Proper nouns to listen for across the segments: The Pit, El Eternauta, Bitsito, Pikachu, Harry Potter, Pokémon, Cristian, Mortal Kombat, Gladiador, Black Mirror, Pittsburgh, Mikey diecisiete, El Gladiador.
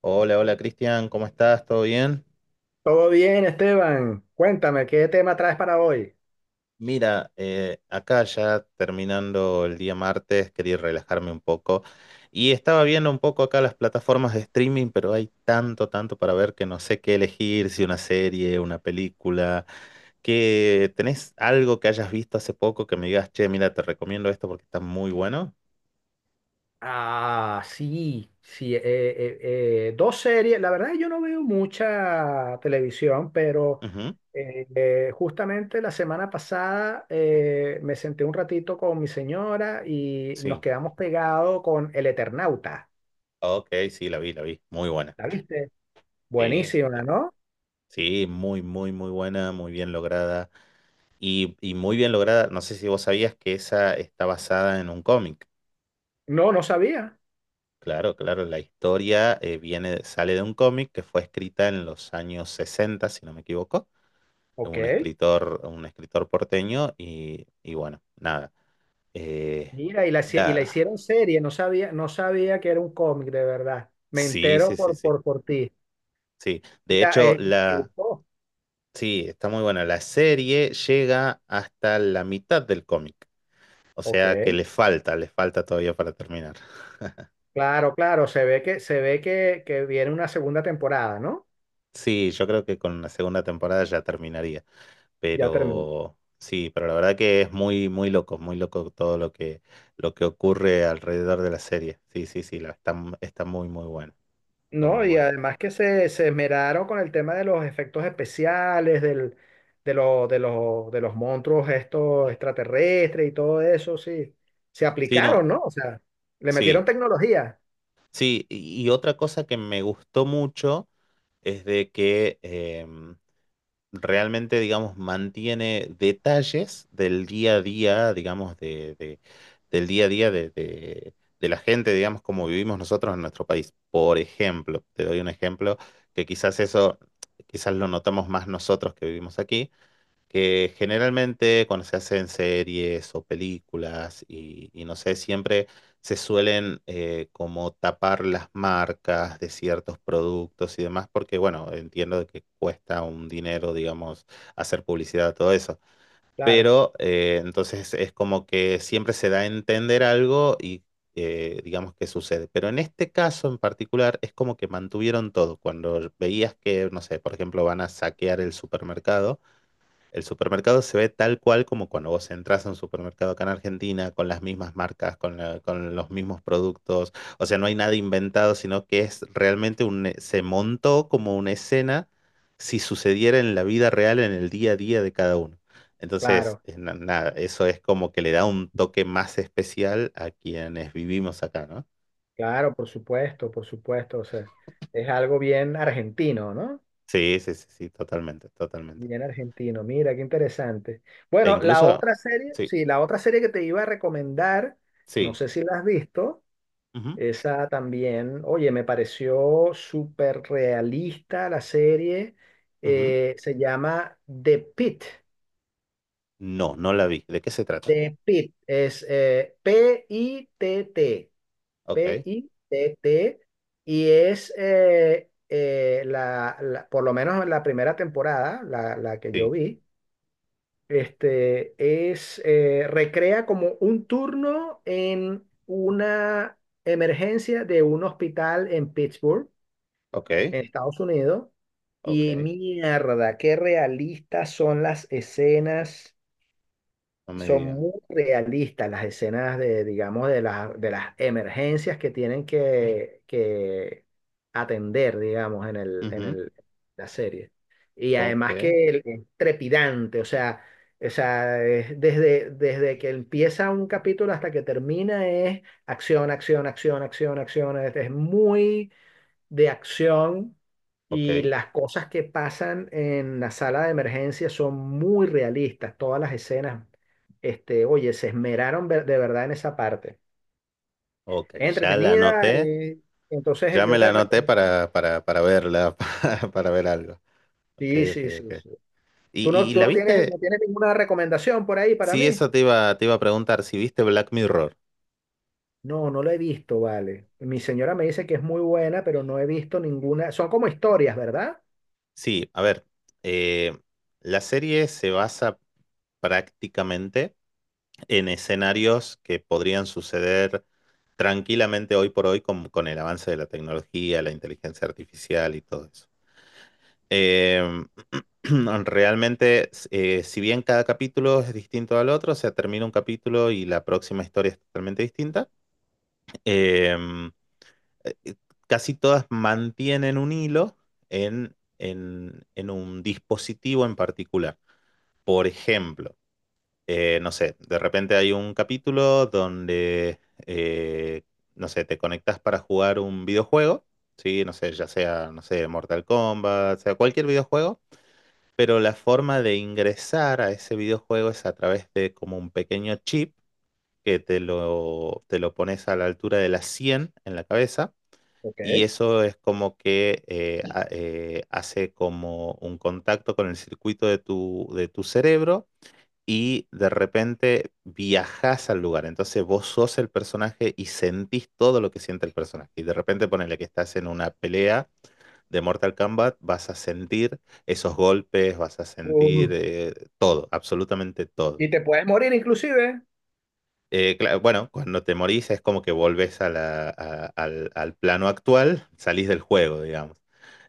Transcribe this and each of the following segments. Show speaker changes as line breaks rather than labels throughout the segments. Hola, hola Cristian, ¿cómo estás? ¿Todo bien?
Todo bien, Esteban. Cuéntame, ¿qué tema traes para hoy?
Mira, acá ya terminando el día martes, quería relajarme un poco y estaba viendo un poco acá las plataformas de streaming, pero hay tanto, tanto para ver que no sé qué elegir, si una serie, una película, que tenés algo que hayas visto hace poco que me digas, che, mira, te recomiendo esto porque está muy bueno.
Ah, sí, sí. Dos series. La verdad, yo no veo mucha televisión, pero
Ujú.
justamente la semana pasada me senté un ratito con mi señora y nos
Sí,
quedamos pegados con El Eternauta.
ok, sí, la vi, muy buena.
¿La viste?
Sí, sí.
Buenísima, ¿no?
Sí, muy, muy, muy buena, muy bien lograda. Y muy bien lograda, no sé si vos sabías que esa está basada en un cómic.
No, no sabía.
Claro, claro, la historia viene, sale de un cómic que fue escrita en los años 60 si no me equivoco,
Ok.
un escritor porteño y bueno, nada. eh,
Mira, y la
la,
hicieron serie, no sabía, no sabía que era un cómic, de verdad. Me
sí,
entero
sí, sí, sí,
por ti.
sí. De
Mira,
hecho,
me
la,
gustó.
sí, está muy buena. La serie llega hasta la mitad del cómic, o
Ok,
sea que le falta todavía para terminar.
claro, claro, se ve que viene una segunda temporada, ¿no?
Sí, yo creo que con la segunda temporada ya terminaría,
Ya terminó.
pero sí, pero la verdad que es muy, muy loco todo lo que ocurre alrededor de la serie. Sí, sí, sí, la, está, está muy, muy buena, está
No,
muy
y
buena.
además que se esmeraron con el tema de los efectos especiales, del, de, lo- de los monstruos estos extraterrestres y todo eso, sí. Se
Sí, no,
aplicaron, ¿no? O sea, le metieron
sí,
tecnología.
sí, y otra cosa que me gustó mucho es de que, realmente, digamos, mantiene detalles del día a día, digamos, del día a día de la gente, digamos, como vivimos nosotros en nuestro país. Por ejemplo, te doy un ejemplo que quizás eso, quizás lo notamos más nosotros que vivimos aquí que generalmente cuando se hacen series o películas y no sé, siempre se suelen como tapar las marcas de ciertos productos y demás, porque bueno, entiendo de que cuesta un dinero, digamos, hacer publicidad, todo eso.
Claro,
Pero entonces es como que siempre se da a entender algo y digamos que sucede. Pero en este caso en particular es como que mantuvieron todo. Cuando veías que, no sé, por ejemplo, van a saquear el supermercado. El supermercado se ve tal cual como cuando vos entras a un supermercado acá en Argentina, con las mismas marcas, con los mismos productos. O sea, no hay nada inventado, sino que es realmente un, se montó como una escena si sucediera en la vida real, en el día a día de cada uno. Entonces,
claro,
nada, eso es como que le da un toque más especial a quienes vivimos acá, ¿no?
claro, por supuesto, por supuesto. O sea, es algo bien argentino, ¿no?
Sí, sí, sí, sí, totalmente, totalmente.
Bien argentino, mira, qué interesante.
E
Bueno, la
incluso,
otra serie,
sí,
sí, la otra serie que te iba a recomendar, no
sí.
sé si la has visto,
Ujú,
esa también, oye, me pareció súper realista la serie,
ujú.
se llama The Pit.
No, no la vi. ¿De qué se trata?
The Pit, es Pitt,
Ok.
Pitt, y es por lo menos la primera temporada, la que yo
Sí,
vi. Este es recrea como un turno en una emergencia de un hospital en Pittsburgh,
ok,
en Estados Unidos. Y
ok,
mierda, qué realistas son las escenas,
no me
son
diga.
muy realistas las escenas de, digamos, de las emergencias que tienen que atender, digamos, en
Ujú.
el, la serie. Y
Ok,
además que el- es trepidante, o sea, es desde, desde que empieza un capítulo hasta que termina es acción, acción, acción, acción, acción. Es muy de acción
ok,
y las cosas que pasan en la sala de emergencia son muy realistas. Todas las escenas, este, oye, se esmeraron de verdad en esa parte.
ok,
Es
ya la
entretenida,
anoté,
entonces
ya
yo
me la
te
anoté
recomiendo.
para verla, para ver algo. Ok,
Sí,
ok,
sí, sí,
ok.
sí.
¿Y, y, y
Tú
la
no tienes, No
viste?
tienes ninguna recomendación por ahí para
Sí,
mí?
eso te iba a preguntar, si viste Black Mirror.
No, no lo he visto, vale. Mi señora me dice que es muy buena, pero no he visto ninguna. Son como historias, ¿verdad?
Sí, a ver, eh, la serie se basa prácticamente en escenarios que podrían suceder tranquilamente hoy por hoy con el avance de la tecnología, la inteligencia artificial y todo eso. Eh, realmente, si bien cada capítulo es distinto al otro, o sea, termina un capítulo y la próxima historia es totalmente distinta, em, eh, eh, casi todas mantienen un hilo en un dispositivo en particular. Por ejemplo, no sé, de repente hay un capítulo donde, eh, no sé, te conectas para jugar un videojuego, ¿sí? No sé, ya sea, no sé, Mortal Kombat, sea cualquier videojuego pero la forma de ingresar a ese videojuego es a través de como un pequeño chip que te lo pones a la altura de la 100 en la cabeza
Ok.
y eso es como que hace como un contacto con el circuito de tu cerebro y de repente viajas al lugar. Entonces vos sos el personaje y sentís todo lo que siente el personaje. Y de repente ponele que estás en una pelea de Mortal Kombat, vas a sentir esos golpes, vas a
Uh,
sentir todo, absolutamente todo.
y te puedes morir inclusive.
Claro, bueno, cuando te morís es como que volvés a la- a- al, al plano actual, salís del juego, digamos.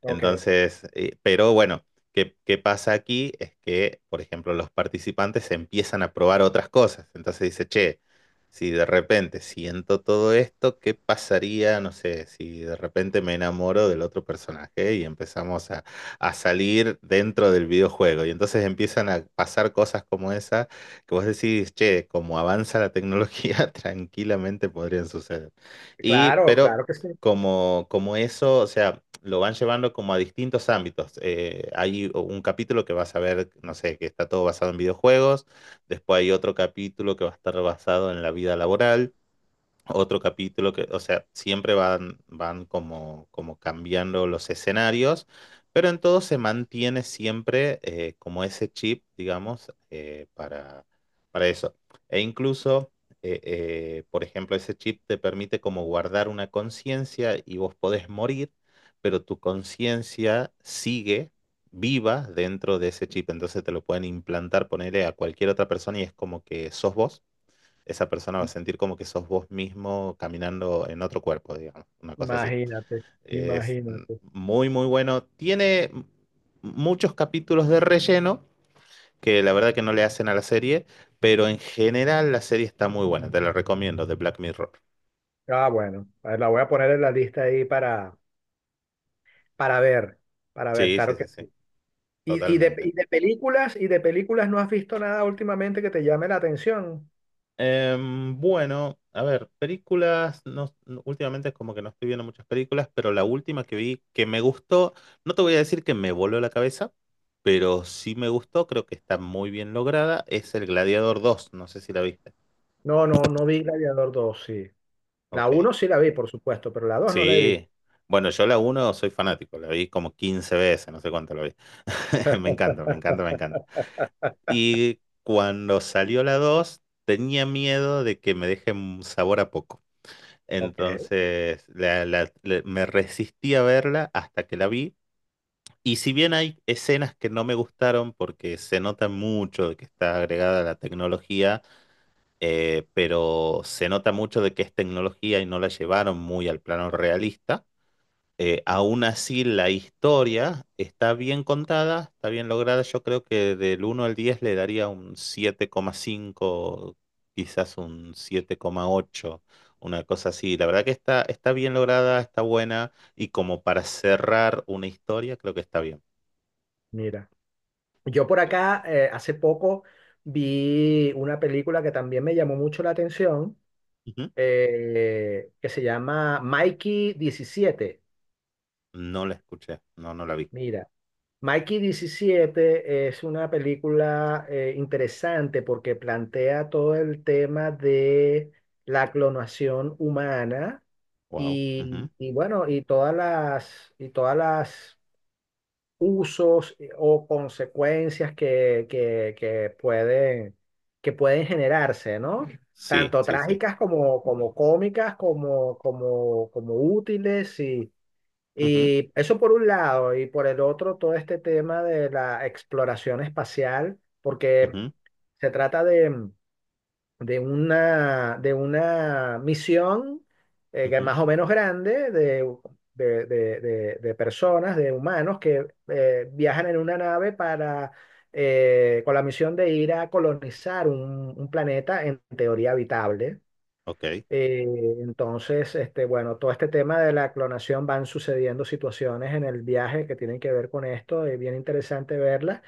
Ok.
Entonces, pero bueno, ¿qué, qué pasa aquí? Es que, por ejemplo, los participantes empiezan a probar otras cosas. Entonces dice, che, si de repente siento todo esto, ¿qué pasaría? No sé, si de repente me enamoro del otro personaje y empezamos a salir dentro del videojuego. Y entonces empiezan a pasar cosas como esa que vos decís, che, como avanza la tecnología, tranquilamente podrían suceder. Y,
Claro,
pero
claro que sí.
como, como eso, o sea, lo van llevando como a distintos ámbitos. Hay un capítulo que vas a ver, no sé, que está todo basado en videojuegos, después hay otro capítulo que va a estar basado en la vida laboral otro capítulo que, o sea, siempre van, van como, como cambiando los escenarios, pero en todo se mantiene siempre como ese chip, digamos, para eso. E incluso, por ejemplo, ese chip te permite como guardar una conciencia y vos podés morir, pero tu conciencia sigue viva dentro de ese chip, entonces te lo pueden implantar, ponerle a cualquier otra persona y es como que sos vos esa persona va a sentir como que sos vos mismo caminando en otro cuerpo, digamos, una cosa así.
Imagínate,
Es
imagínate.
muy, muy bueno. Tiene muchos capítulos de relleno que la verdad que no le hacen a la serie, pero en general la serie está muy buena, te la recomiendo, de Black Mirror.
Ah, bueno, a ver, la voy a poner en la lista ahí para ver, para ver,
Sí, sí,
claro que
sí, sí,
sí. ¿Y, y de,
totalmente.
y de películas, y de películas no has visto nada últimamente que te llame la atención?
Bueno, a ver, películas, últimamente es como que no estoy viendo muchas películas, pero la última que vi que me gustó, no te voy a decir que me voló la cabeza, pero sí me gustó, creo que está muy bien lograda, es El Gladiador dos. No sé si la viste.
No, no, no vi Gladiador dos sí. La
Ok,
uno sí la vi, por supuesto, pero la 2 no la he visto.
sí. Bueno, yo la uno soy fanático, la vi como 15 veces, no sé cuánto la vi. Me encanta, me encanta, me encanta. Y cuando salió la 2, tenía miedo de que me deje un sabor a poco.
Ok,
Entonces me resistí a verla hasta que la vi. Y si bien hay escenas que no me gustaron porque se nota mucho de que está agregada la tecnología, pero se nota mucho de que es tecnología y no la llevaron muy al plano realista aún así la historia está bien contada, está bien lograda. Yo creo que del uno al 10 le daría un 7,5, quizás un 7,8, una cosa así. La verdad que está, está bien lograda, está buena y como para cerrar una historia, creo que está bien.
mira. Yo por
Sí.
acá hace poco vi una película que también me llamó mucho la atención,
Ujú.
que se llama Mikey 17.
No la escuché, no, no la vi.
Mira, Mikey 17 es una película interesante porque plantea todo el tema de la clonación humana
Wow.
y,
Ujú.
y todas las usos o consecuencias que pueden generarse, ¿no?
Sí,
Tanto
sí, sí.
trágicas como, cómicas, como útiles y
Ujú,
eso por un lado, y por el otro, todo este tema de la exploración espacial, porque
ujú,
se trata de una misión que es
ujú.
más o menos grande de personas, de humanos que viajan en una nave para, con la misión de ir a colonizar un planeta en teoría habitable.
Ok.
Eh, entonces, este, bueno, todo este tema de la clonación van sucediendo situaciones en el viaje que tienen que ver con esto, es bien interesante verlas.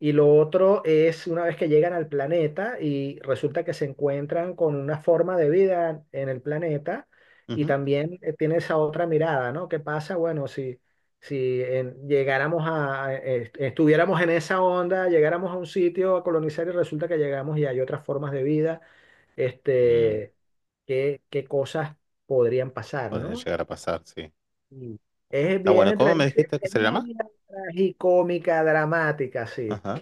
Y lo otro es una vez que llegan al planeta y resulta que se encuentran con una forma de vida en el planeta y
Ujú.
también tiene esa otra mirada, ¿no? ¿Qué pasa? Bueno, si, si en- llegáramos a- est- estuviéramos en esa onda, llegáramos a un sitio a colonizar y resulta que llegamos y hay otras formas de vida
Mm,
este, qué cosas podrían pasar,
Podría
¿no?
llegar a pasar, sí.
Y es
Está
bien
bueno. ¿Cómo
entre
me
media,
dijiste que
es
se llama?
media tragicómica, dramática, sí.
Ajá.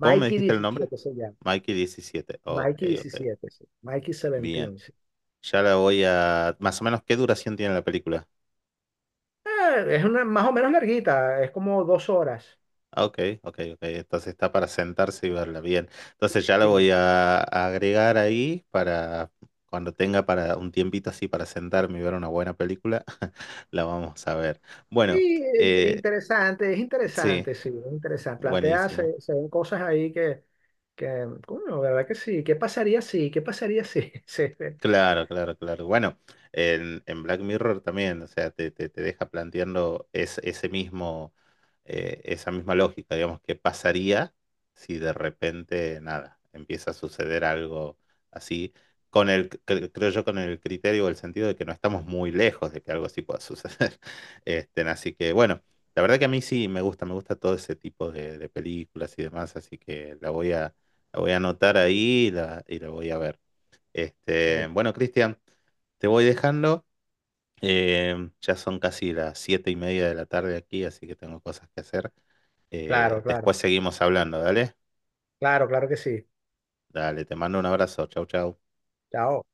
¿Cómo me dijiste el nombre?
17 se llama.
Mikey 17. Ok,
Mikey
ok.
diecisiete sí. Mikey
Bien.
17, sí.
Ya la voy a... Más o menos, ¿qué duración tiene la película?
Ah, es una más o menos larguita, es como 2 horas.
Ah, ok, ok, ok. Entonces está para sentarse y verla. Bien. Entonces ya la
Sí,
voy a agregar ahí para cuando tenga para un tiempito así para sentarme y ver una buena película, la vamos a ver. Bueno,
sí,
eh,
es
sí,
interesante, sí, es interesante. Plantea,
buenísimo.
se ven cosas ahí coño, ¿verdad que sí? ¿Qué pasaría si? ¿Qué pasaría si? Sí, sí,
Claro, claro, claro. Bueno, en Black Mirror también, o sea, te deja planteando ese mismo, esa misma lógica, digamos, qué pasaría si de repente, nada, empieza a suceder algo así, con el, creo yo, con el criterio o el sentido de que no estamos muy lejos de que algo así pueda suceder. Este, así que, bueno, la verdad que a mí sí me gusta todo ese tipo de películas y demás, así que la voy a anotar ahí y la voy a ver. Este,
sí.
bueno, Cristian, te voy dejando. Ya son casi las 7 y media de la tarde aquí, así que tengo cosas que hacer.
Claro, claro.
Después seguimos hablando, ¿dale?
Claro, claro que sí.
Dale, te mando un abrazo. Chau, chau.
Chao.